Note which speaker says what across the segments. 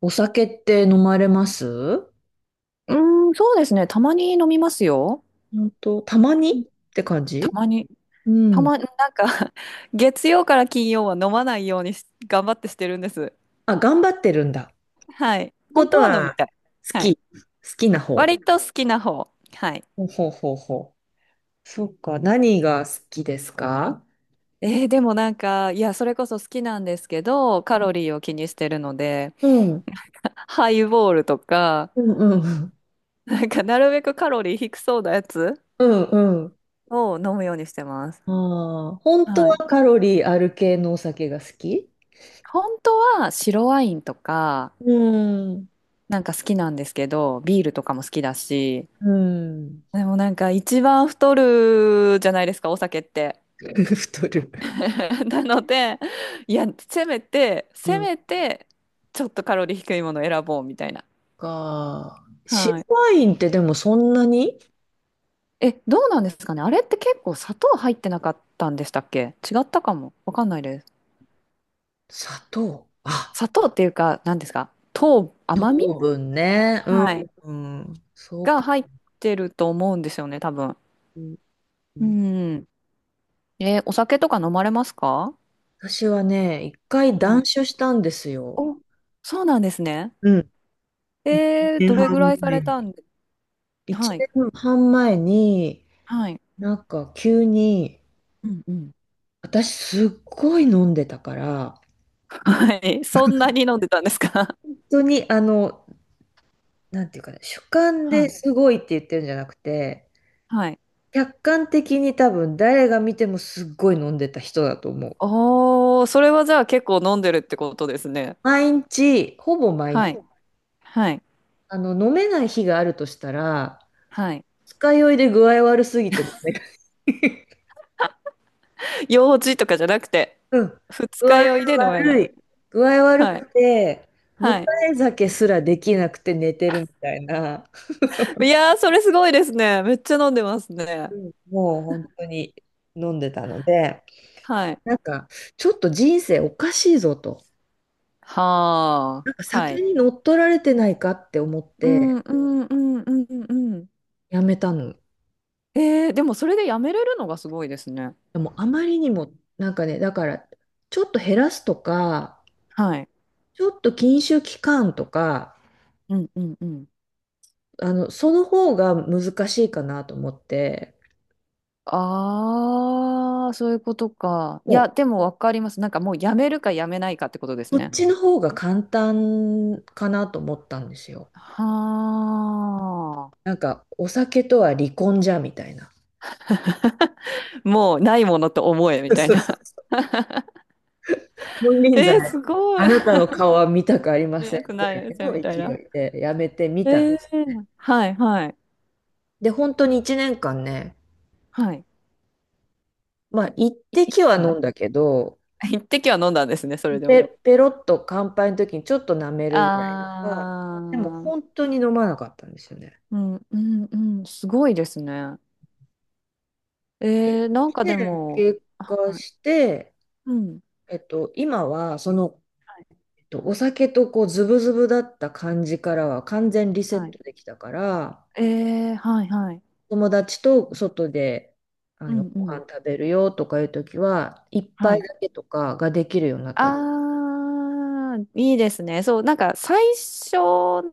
Speaker 1: お酒って飲まれます？
Speaker 2: うーん、そうですね。たまに飲みますよ。
Speaker 1: 本当、たまにっ
Speaker 2: うん。
Speaker 1: て感
Speaker 2: た
Speaker 1: じ？
Speaker 2: まに。
Speaker 1: うん。
Speaker 2: なんか 月曜から金曜は飲まないようにし頑張ってしてるんです。
Speaker 1: あ、頑張ってるんだ。
Speaker 2: はい。
Speaker 1: こ
Speaker 2: 本
Speaker 1: と
Speaker 2: 当は飲み
Speaker 1: は、
Speaker 2: たい。
Speaker 1: 好
Speaker 2: はい。
Speaker 1: き。好きな方。
Speaker 2: 割と好きな方。はい。
Speaker 1: ほうほうほうほう。そっか。何が好きですか？
Speaker 2: でもなんか、いや、それこそ好きなんですけど、カロリーを気にしてるので、
Speaker 1: うん。
Speaker 2: ハイボールとか、
Speaker 1: うんうん。
Speaker 2: なんか、なるべくカロリー低そうなやつ
Speaker 1: うんうん。
Speaker 2: を飲むようにしてます。
Speaker 1: ああ、本当
Speaker 2: は
Speaker 1: は
Speaker 2: い。
Speaker 1: カロリーある系のお酒が好き？
Speaker 2: 本当は白ワインとか、
Speaker 1: うん。
Speaker 2: なんか好きなんですけど、ビールとかも好きだし、
Speaker 1: うん。
Speaker 2: でもなんか一番太るじゃないですか、お酒って。
Speaker 1: 太る。
Speaker 2: なので、いや、せめて、せ
Speaker 1: うん。
Speaker 2: めて、ちょっとカロリー低いものを選ぼうみたいな。
Speaker 1: か。白
Speaker 2: はい。
Speaker 1: ワインってでもそんなに？
Speaker 2: どうなんですかね。あれって結構砂糖入ってなかったんでしたっけ違ったかも。わかんないです。
Speaker 1: 砂糖。あ、
Speaker 2: 砂糖っていうか、何ですか、糖、甘み、
Speaker 1: 糖分ね。うん。
Speaker 2: はい、
Speaker 1: うん、そう
Speaker 2: が
Speaker 1: か。
Speaker 2: 入ってると思うんですよね、多分。
Speaker 1: うんう
Speaker 2: う
Speaker 1: ん、
Speaker 2: ん。え、お酒とか飲まれますか？
Speaker 1: 私はね、一回
Speaker 2: は
Speaker 1: 断
Speaker 2: い。
Speaker 1: 酒したんですよ。
Speaker 2: お、そうなんですね。
Speaker 1: うん、一年
Speaker 2: どれぐら
Speaker 1: 半
Speaker 2: いさ
Speaker 1: 前
Speaker 2: れた
Speaker 1: に。
Speaker 2: んで、
Speaker 1: 一
Speaker 2: はい、
Speaker 1: 年半前に、
Speaker 2: はい、
Speaker 1: なんか急に、
Speaker 2: うんうん。
Speaker 1: 私すっごい飲んでたから、
Speaker 2: はい。そんなに飲んでたんですか？
Speaker 1: 本当になんていうかね、主観
Speaker 2: は
Speaker 1: で
Speaker 2: い。
Speaker 1: すごいって言ってるんじゃなくて、
Speaker 2: はい。
Speaker 1: 客観的に多分誰が見てもすっごい飲んでた人だと思う。
Speaker 2: おー、それはじゃあ結構飲んでるってことですね。
Speaker 1: 毎日、ほぼ毎日、
Speaker 2: はい、はい、
Speaker 1: 飲めない日があるとしたら、
Speaker 2: はい。
Speaker 1: 二日酔いで具合悪すぎてダ
Speaker 2: 用事とかじゃなくて、
Speaker 1: うん。
Speaker 2: 二
Speaker 1: 具
Speaker 2: 日
Speaker 1: 合
Speaker 2: 酔いで飲めない。
Speaker 1: 悪い。具合悪
Speaker 2: はい、
Speaker 1: くて、迎
Speaker 2: はい。
Speaker 1: え酒すらできなくて寝てるみたいな、
Speaker 2: いやー、それすごいですね。めっちゃ飲んでますね。
Speaker 1: うん、もう本当に飲んでたので、
Speaker 2: はい。
Speaker 1: なんか、ちょっと人生おかしいぞと。
Speaker 2: はあ、
Speaker 1: なんか
Speaker 2: は
Speaker 1: 酒
Speaker 2: い。
Speaker 1: に乗っ取られてないかって思っ
Speaker 2: うん、
Speaker 1: て
Speaker 2: うん、うん、うん、うん。
Speaker 1: やめたの。
Speaker 2: でもそれでやめれるのがすごいですね。
Speaker 1: でもあまりにも、なんかね、だから、ちょっと減らすとか、
Speaker 2: はい。
Speaker 1: ちょっと禁酒期間とか、
Speaker 2: うんうんうん。
Speaker 1: その方が難しいかなと思って、
Speaker 2: ああ、そういうことか。いや、
Speaker 1: も
Speaker 2: でもわかります。なんかもうやめるかやめないかってことです
Speaker 1: う、こっ
Speaker 2: ね。
Speaker 1: ちの方が簡単かなと思ったんですよ。
Speaker 2: はあ。
Speaker 1: なんか、お酒とは離婚じゃ、みたいな。
Speaker 2: もうないものと思えみ たい
Speaker 1: そうそ
Speaker 2: な。
Speaker 1: う、金 輪際、
Speaker 2: えー、すごい。
Speaker 1: あなたの顔は見たくありません
Speaker 2: なく
Speaker 1: ぐ
Speaker 2: ないよじゃ
Speaker 1: ら
Speaker 2: あみ
Speaker 1: いの
Speaker 2: たい
Speaker 1: 勢
Speaker 2: な。
Speaker 1: いでやめてみたん
Speaker 2: え
Speaker 1: です。
Speaker 2: ー、はいはい
Speaker 1: で、本当に1年間ね、
Speaker 2: はい。
Speaker 1: まあ、一滴は
Speaker 2: は
Speaker 1: 飲
Speaker 2: い。
Speaker 1: んだけど、
Speaker 2: 一滴は飲んだんですね、それでも。
Speaker 1: ペロッと乾杯の時にちょっと舐めるぐらいとか、
Speaker 2: あ
Speaker 1: でも本
Speaker 2: あ、
Speaker 1: 当に飲まなかったんですよね。
Speaker 2: うんうんうん、すごいですね。えー、なんかで
Speaker 1: で、
Speaker 2: も、
Speaker 1: 経過
Speaker 2: はい、
Speaker 1: して、
Speaker 2: うん。
Speaker 1: 今は、
Speaker 2: はい
Speaker 1: お酒とこう、ズブズブだった感じからは完全リセッ
Speaker 2: は
Speaker 1: ト
Speaker 2: い
Speaker 1: できたから、
Speaker 2: ええはいはい。
Speaker 1: 友達と外で、
Speaker 2: うんう
Speaker 1: ご
Speaker 2: ん。
Speaker 1: 飯食べるよとかいうときは、一
Speaker 2: は
Speaker 1: 杯
Speaker 2: い。
Speaker 1: だけとかができるようになった。う
Speaker 2: あー、いいですね。そう、なんか最初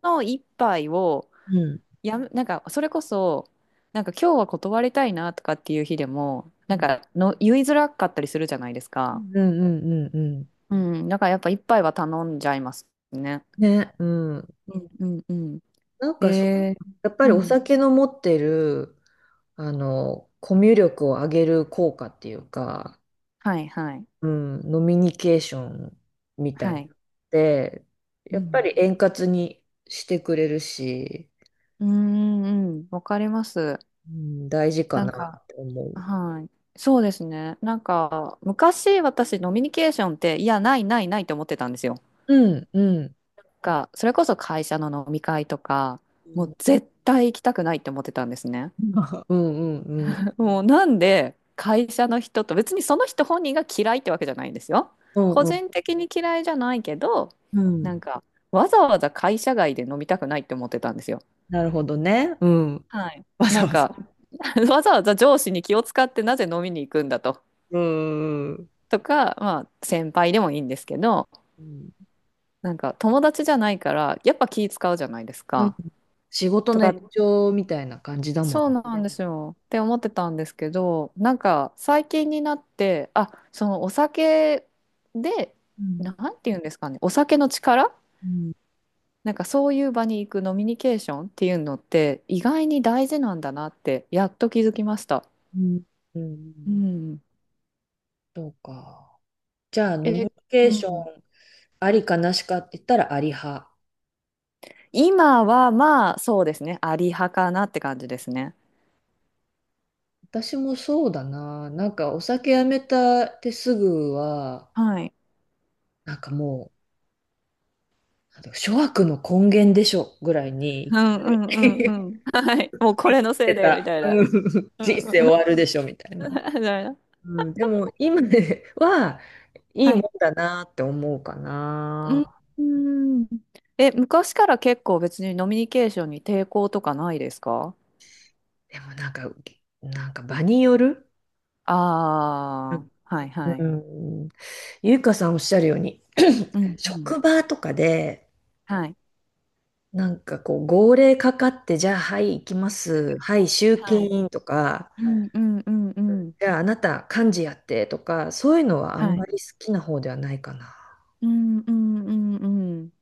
Speaker 2: の一杯を、
Speaker 1: ん。
Speaker 2: なんかそれこそ、なんか今日は断りたいなとかっていう日でも、
Speaker 1: う
Speaker 2: なん
Speaker 1: ん
Speaker 2: かの言いづらかったりするじゃないです
Speaker 1: う
Speaker 2: か。
Speaker 1: んうんうんうん。
Speaker 2: うん、だからやっぱ一杯は頼んじゃいますね。
Speaker 1: ね、うん。
Speaker 2: うんうんうん。
Speaker 1: なんかそ、
Speaker 2: えー、
Speaker 1: やっぱり
Speaker 2: う
Speaker 1: お
Speaker 2: ん。
Speaker 1: 酒の持ってる、コミュ力を上げる効果っていうか、
Speaker 2: はいはい。
Speaker 1: うん、ノミニケーションみたい
Speaker 2: は
Speaker 1: なの
Speaker 2: い。
Speaker 1: で、
Speaker 2: う
Speaker 1: やっぱ
Speaker 2: ん。
Speaker 1: り円滑にしてくれるし、
Speaker 2: うーん、うん、わかります。
Speaker 1: うん、大事か
Speaker 2: なん
Speaker 1: な
Speaker 2: か、
Speaker 1: って思う。
Speaker 2: はい。そうですね。なんか、昔私、ノミニケーションって、いや、ないないないって思ってたんですよ。
Speaker 1: うん、うん。
Speaker 2: が、それこそ会社の飲み会とか、
Speaker 1: う
Speaker 2: もう
Speaker 1: ん、
Speaker 2: 絶対行きたくないって思ってたんですね。
Speaker 1: うん、うん。
Speaker 2: もうなんで、会社の人と、別にその人本人が嫌いってわけじゃないんですよ。
Speaker 1: うん、
Speaker 2: 個
Speaker 1: うん。
Speaker 2: 人的に嫌いじゃないけど、
Speaker 1: うんう
Speaker 2: なん
Speaker 1: ん、
Speaker 2: か、わざわざ会社外で飲みたくないって思ってたんですよ。
Speaker 1: なるほどね。うん。
Speaker 2: はい。
Speaker 1: わ
Speaker 2: な
Speaker 1: ざ
Speaker 2: ん
Speaker 1: わざ。
Speaker 2: か わざわざ上司に気を使ってなぜ飲みに行くんだと。
Speaker 1: うん、うん。
Speaker 2: とか、まあ、先輩でもいいんですけど、
Speaker 1: うん
Speaker 2: なんか友達じゃないからやっぱ気使うじゃないです
Speaker 1: うん、
Speaker 2: か。
Speaker 1: 仕事
Speaker 2: と
Speaker 1: の延
Speaker 2: か
Speaker 1: 長みたいな感じだもん。
Speaker 2: そうなんですよって思ってたんですけど、なんか最近になって、あ、そのお酒で、
Speaker 1: うん、
Speaker 2: なんて言うんですかね、お酒の力、
Speaker 1: うん、
Speaker 2: なんかそういう場に行くノミニケーションっていうのって意外に大事なんだなってやっと気づきました。
Speaker 1: うん。う
Speaker 2: う
Speaker 1: ん、
Speaker 2: ん、
Speaker 1: そうか。じゃあ、ノミニ
Speaker 2: え、う
Speaker 1: ケーション
Speaker 2: ん、
Speaker 1: ありかなしかって言ったらあり派。
Speaker 2: 今はまあそうですねありはかなって感じですね。
Speaker 1: 私もそうだな。なんかお酒やめたってすぐは、
Speaker 2: はい
Speaker 1: なんかもう、なんだろう、諸悪の根源でしょぐらい
Speaker 2: う
Speaker 1: に、
Speaker 2: んう
Speaker 1: 言っ
Speaker 2: んうんうん。はい。もうこれのせ
Speaker 1: て
Speaker 2: いで、み
Speaker 1: た。
Speaker 2: たい
Speaker 1: う
Speaker 2: な。
Speaker 1: ん、
Speaker 2: うん
Speaker 1: 人
Speaker 2: うん
Speaker 1: 生終
Speaker 2: う
Speaker 1: わ
Speaker 2: ん。
Speaker 1: るでしょみたいな。
Speaker 2: みたいな。
Speaker 1: うん、でも今では、いい
Speaker 2: はい。
Speaker 1: もんだなって思うか
Speaker 2: う
Speaker 1: な。
Speaker 2: んうん。昔から結構別にノミニケーションに抵抗とかないですか？
Speaker 1: でもなんか、なんか場による。う
Speaker 2: ああー、はいはい。
Speaker 1: ん、うん、ゆうかさんおっしゃるように、
Speaker 2: う んうん。
Speaker 1: 職場とかで、
Speaker 2: はい。
Speaker 1: なんかこう、号令かかって、じゃあ、はい、行きます。はい、集
Speaker 2: は
Speaker 1: 金
Speaker 2: い。
Speaker 1: 員とか、
Speaker 2: うんうんうんうん。
Speaker 1: じゃあ、あなた、幹事やって、とか、そういうのはあん
Speaker 2: は
Speaker 1: ま
Speaker 2: い。
Speaker 1: り好きな方ではないかな。
Speaker 2: うんうんうんうん。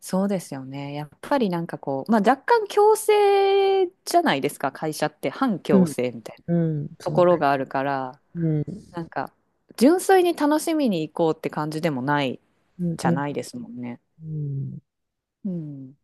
Speaker 2: そうですよね。やっぱりなんかこう、まあ若干強制じゃないですか、会社って。反
Speaker 1: う
Speaker 2: 強
Speaker 1: ん、
Speaker 2: 制みたいな
Speaker 1: うん、
Speaker 2: と
Speaker 1: そ
Speaker 2: こ
Speaker 1: う。
Speaker 2: ろがあるから。
Speaker 1: うん、
Speaker 2: なんか、純粋に楽しみに行こうって感じでもない
Speaker 1: うん、
Speaker 2: じゃ
Speaker 1: うん。
Speaker 2: ないですもんね。
Speaker 1: うん、
Speaker 2: うん。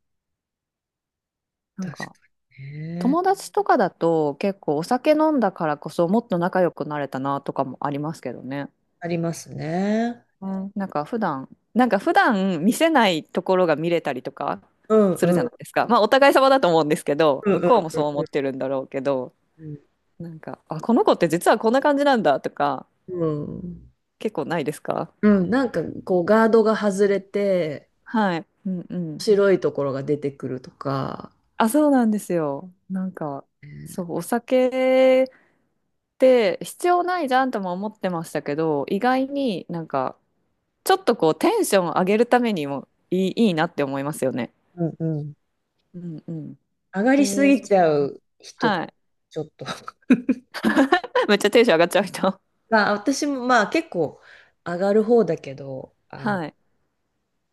Speaker 2: なん
Speaker 1: 確
Speaker 2: か、
Speaker 1: かにね。
Speaker 2: 友達とかだと結構お酒飲んだからこそもっと仲良くなれたなとかもありますけどね。
Speaker 1: ありますね。
Speaker 2: うん、なんか普段見せないところが見れたりとか
Speaker 1: うん
Speaker 2: する
Speaker 1: う
Speaker 2: じゃ
Speaker 1: ん
Speaker 2: ないですか。まあお互い様だと思うんですけど、
Speaker 1: うん
Speaker 2: 向
Speaker 1: うん
Speaker 2: こうもそう
Speaker 1: う
Speaker 2: 思っ
Speaker 1: ん
Speaker 2: てるんだろうけど、
Speaker 1: うん。
Speaker 2: なんか、あ、この子って実はこんな感じなんだとか
Speaker 1: うん、
Speaker 2: 結構ないですか？
Speaker 1: うん、なんかこうガードが外れて
Speaker 2: はい。うんうん。
Speaker 1: 白いところが出てくるとか、
Speaker 2: あ、そうなんですよ。なんか、そう、
Speaker 1: う
Speaker 2: お酒って必要ないじゃんとも思ってましたけど、意外になんか、ちょっとこう、テンション上げるためにもいいなって思いますよね。
Speaker 1: んうん、
Speaker 2: うんうん。
Speaker 1: 上がりす
Speaker 2: えー、
Speaker 1: ぎ
Speaker 2: そっ
Speaker 1: ちゃ
Speaker 2: か。
Speaker 1: う人、
Speaker 2: はい。
Speaker 1: ちょっと、
Speaker 2: めっちゃテンション上がっちゃう人。
Speaker 1: まあ、私もまあ結構上がる方だけど、
Speaker 2: はい。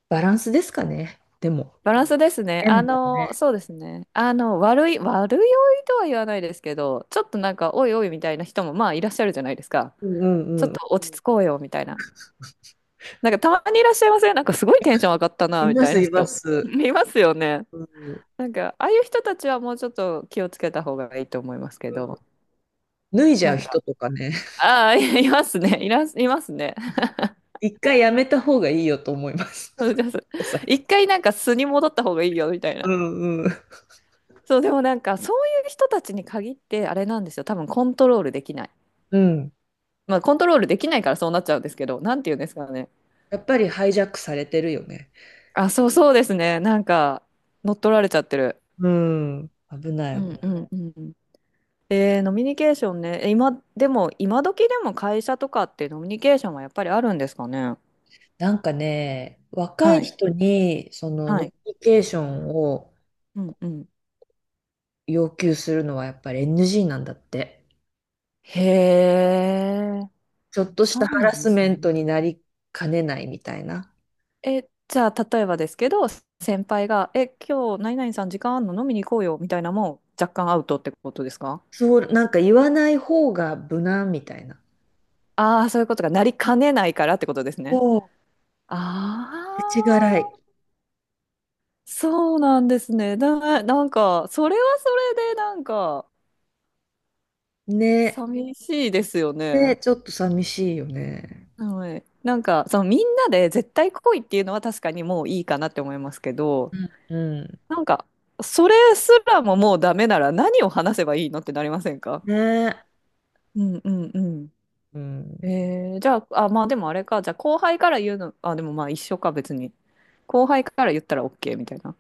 Speaker 1: バランスですかね。でも。
Speaker 2: バランスですね。
Speaker 1: メンバーね。
Speaker 2: そうですね。悪酔いとは言わないですけど、ちょっとなんか、おいおいみたいな人もまあいらっしゃるじゃないですか。
Speaker 1: うんう
Speaker 2: ちょっ
Speaker 1: んう
Speaker 2: と
Speaker 1: ん。
Speaker 2: 落ち着こうよみたいな。なんかたまにいらっしゃいません？なんかすごいテンション上がった
Speaker 1: い
Speaker 2: な、み
Speaker 1: ま
Speaker 2: たい
Speaker 1: す、
Speaker 2: な
Speaker 1: いま
Speaker 2: 人。
Speaker 1: す。
Speaker 2: いますよね。
Speaker 1: うん、うん。
Speaker 2: なんか、ああいう人たちはもうちょっと気をつけた方がいいと思いますけど。
Speaker 1: 脱いじ
Speaker 2: な
Speaker 1: ゃう
Speaker 2: ん
Speaker 1: 人
Speaker 2: か、
Speaker 1: とかね。
Speaker 2: ああ、いいますね。いますね。
Speaker 1: 一回やめた方がいいよと思います。
Speaker 2: そうです。
Speaker 1: お酒。
Speaker 2: 一回なんか素に戻った方がいいよ、みたい
Speaker 1: う
Speaker 2: な。
Speaker 1: んうん。
Speaker 2: そう、でもなんか、そういう人たちに限って、あれなんですよ。多分コントロールできない。
Speaker 1: うん。
Speaker 2: まあ、コントロールできないからそうなっちゃうんですけど、なんて言うんですかね。
Speaker 1: やっぱりハイジャックされてるよね。
Speaker 2: あ、そうそうですね。なんか、乗っ取られちゃってる。
Speaker 1: うん。危な
Speaker 2: う
Speaker 1: い危な
Speaker 2: んう
Speaker 1: い。
Speaker 2: んうん。えー、ノミニケーションね。今、でも、今時でも会社とかってノミニケーションはやっぱりあるんですかね。
Speaker 1: なんかね、若
Speaker 2: は
Speaker 1: い
Speaker 2: い。
Speaker 1: 人にその
Speaker 2: は
Speaker 1: ノミ
Speaker 2: い。
Speaker 1: ニケーションを
Speaker 2: うんうん。
Speaker 1: 要求するのはやっぱり NG なんだって。
Speaker 2: へえ、
Speaker 1: ちょっとした
Speaker 2: そう
Speaker 1: ハラ
Speaker 2: なんで
Speaker 1: ス
Speaker 2: す
Speaker 1: メン
Speaker 2: ね。
Speaker 1: トになりかねないみたいな。
Speaker 2: じゃあ、例えばですけど、先輩が、今日、何々さん時間あんの飲みに行こうよ、みたいなのも若干アウトってことですか？
Speaker 1: そう、なんか言わない方が無難みたいな。
Speaker 2: ああー、そういうことがなりかねないからってことですね。
Speaker 1: そ
Speaker 2: あ
Speaker 1: う。世知辛
Speaker 2: あ、
Speaker 1: い。
Speaker 2: そうなんですね。なんか、それはそれで、なんか、
Speaker 1: ね。
Speaker 2: 寂しいですよ
Speaker 1: ね、
Speaker 2: ね。
Speaker 1: ちょっと寂しいよね。
Speaker 2: はい。なんか、そのみんなで絶対来いっていうのは確かにもういいかなって思いますけど、
Speaker 1: うん。うん。
Speaker 2: なんか、それすらももうダメなら何を話せばいいのってなりませんか？
Speaker 1: ね。
Speaker 2: うんうんう
Speaker 1: うん。
Speaker 2: ん。じゃあ、あ、まあでもあれか、じゃあ後輩から言うの、あ、でもまあ一緒か別に。後輩から言ったら OK みたいな。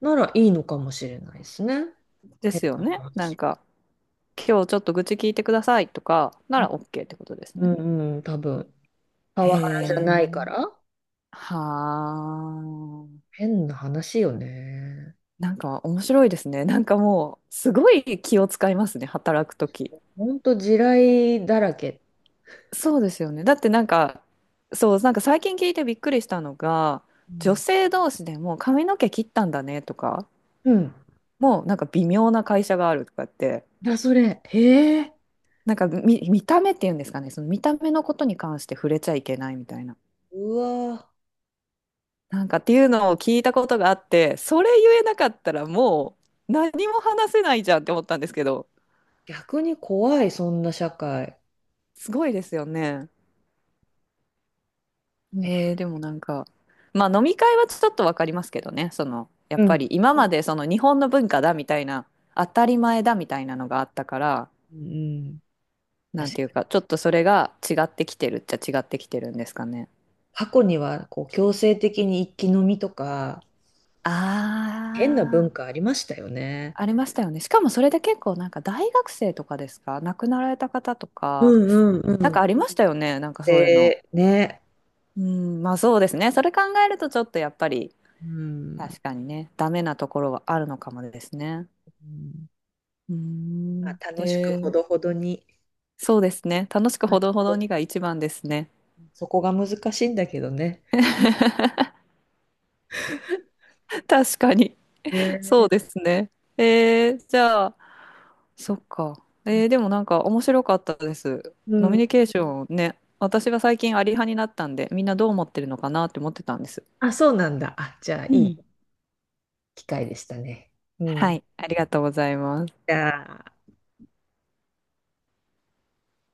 Speaker 1: ならいいのかもしれないですね。
Speaker 2: で
Speaker 1: 変
Speaker 2: すよ
Speaker 1: な
Speaker 2: ね。なん
Speaker 1: 話。
Speaker 2: か、今日ちょっと愚痴聞いてくださいとかなら OK ってことです
Speaker 1: う
Speaker 2: ね。
Speaker 1: んうん、多分。パ
Speaker 2: へ
Speaker 1: ワハラじゃない
Speaker 2: え。
Speaker 1: から。
Speaker 2: はあ。
Speaker 1: 変な話よね。
Speaker 2: なんか面白いですね。なんかもう、すごい気を使いますね、働くとき。
Speaker 1: ほんと地雷だらけ。
Speaker 2: そうですよね。だってなんか、そう、なんか最近聞いてびっくりしたのが、
Speaker 1: う
Speaker 2: 女
Speaker 1: ん
Speaker 2: 性同士でも髪の毛切ったんだねとか、
Speaker 1: うん。
Speaker 2: もうなんか微妙な会社があるとかって、
Speaker 1: だ、それ。へえ。
Speaker 2: なんか見た目っていうんですかね、その見た目のことに関して触れちゃいけないみたいな。
Speaker 1: うわー、
Speaker 2: なんかっていうのを聞いたことがあって、それ言えなかったらもう何も話せないじゃんって思ったんですけど、
Speaker 1: 逆に怖い、そんな社会。
Speaker 2: すごいですよね。ねえ、でもなんか、まあ飲み会はちょっとわかりますけどね、その、やっ
Speaker 1: う
Speaker 2: ぱ
Speaker 1: ん。
Speaker 2: り今までその日本の文化だみたいな、当たり前だみたいなのがあったから、
Speaker 1: うん、
Speaker 2: な
Speaker 1: 確
Speaker 2: ん
Speaker 1: か
Speaker 2: ていう
Speaker 1: に。
Speaker 2: か、ちょっとそれが違ってきてるっちゃ違ってきてるんですかね。
Speaker 1: 過去には、こう、強制的に一気飲みとか、変な
Speaker 2: あ
Speaker 1: 文化ありましたよね。
Speaker 2: あ、ありましたよね。しかもそれで結構なんか大学生とかですか、亡くなられた方と
Speaker 1: う
Speaker 2: か、
Speaker 1: んうん
Speaker 2: な
Speaker 1: う
Speaker 2: ん
Speaker 1: ん。
Speaker 2: かありましたよね、なんかそういうの。
Speaker 1: で、ね。
Speaker 2: うん、まあそうですね。それ考えるとちょっとやっぱり、
Speaker 1: うん。
Speaker 2: 確かにね、ダメなところはあるのかもですね。
Speaker 1: うん、
Speaker 2: うー
Speaker 1: ま
Speaker 2: ん。
Speaker 1: あ、楽しくほ
Speaker 2: で、
Speaker 1: どほどに。
Speaker 2: そうですね。楽しくほどほどにが一番ですね。
Speaker 1: そこが難しいんだけどね。
Speaker 2: 確かに。そ
Speaker 1: ね。
Speaker 2: うですね。じゃあ、そっか。でもなんか面白かったです。
Speaker 1: う
Speaker 2: ノミ
Speaker 1: ん。
Speaker 2: ニケーションね。私は最近アリ派になったんで、みんなどう思ってるのかなって思ってたんです。
Speaker 1: あ、そうなんだ。あ、じゃあ、
Speaker 2: う
Speaker 1: い
Speaker 2: ん。
Speaker 1: い機会でしたね。う
Speaker 2: は
Speaker 1: ん。
Speaker 2: い、ありがとうございます。
Speaker 1: じゃあ。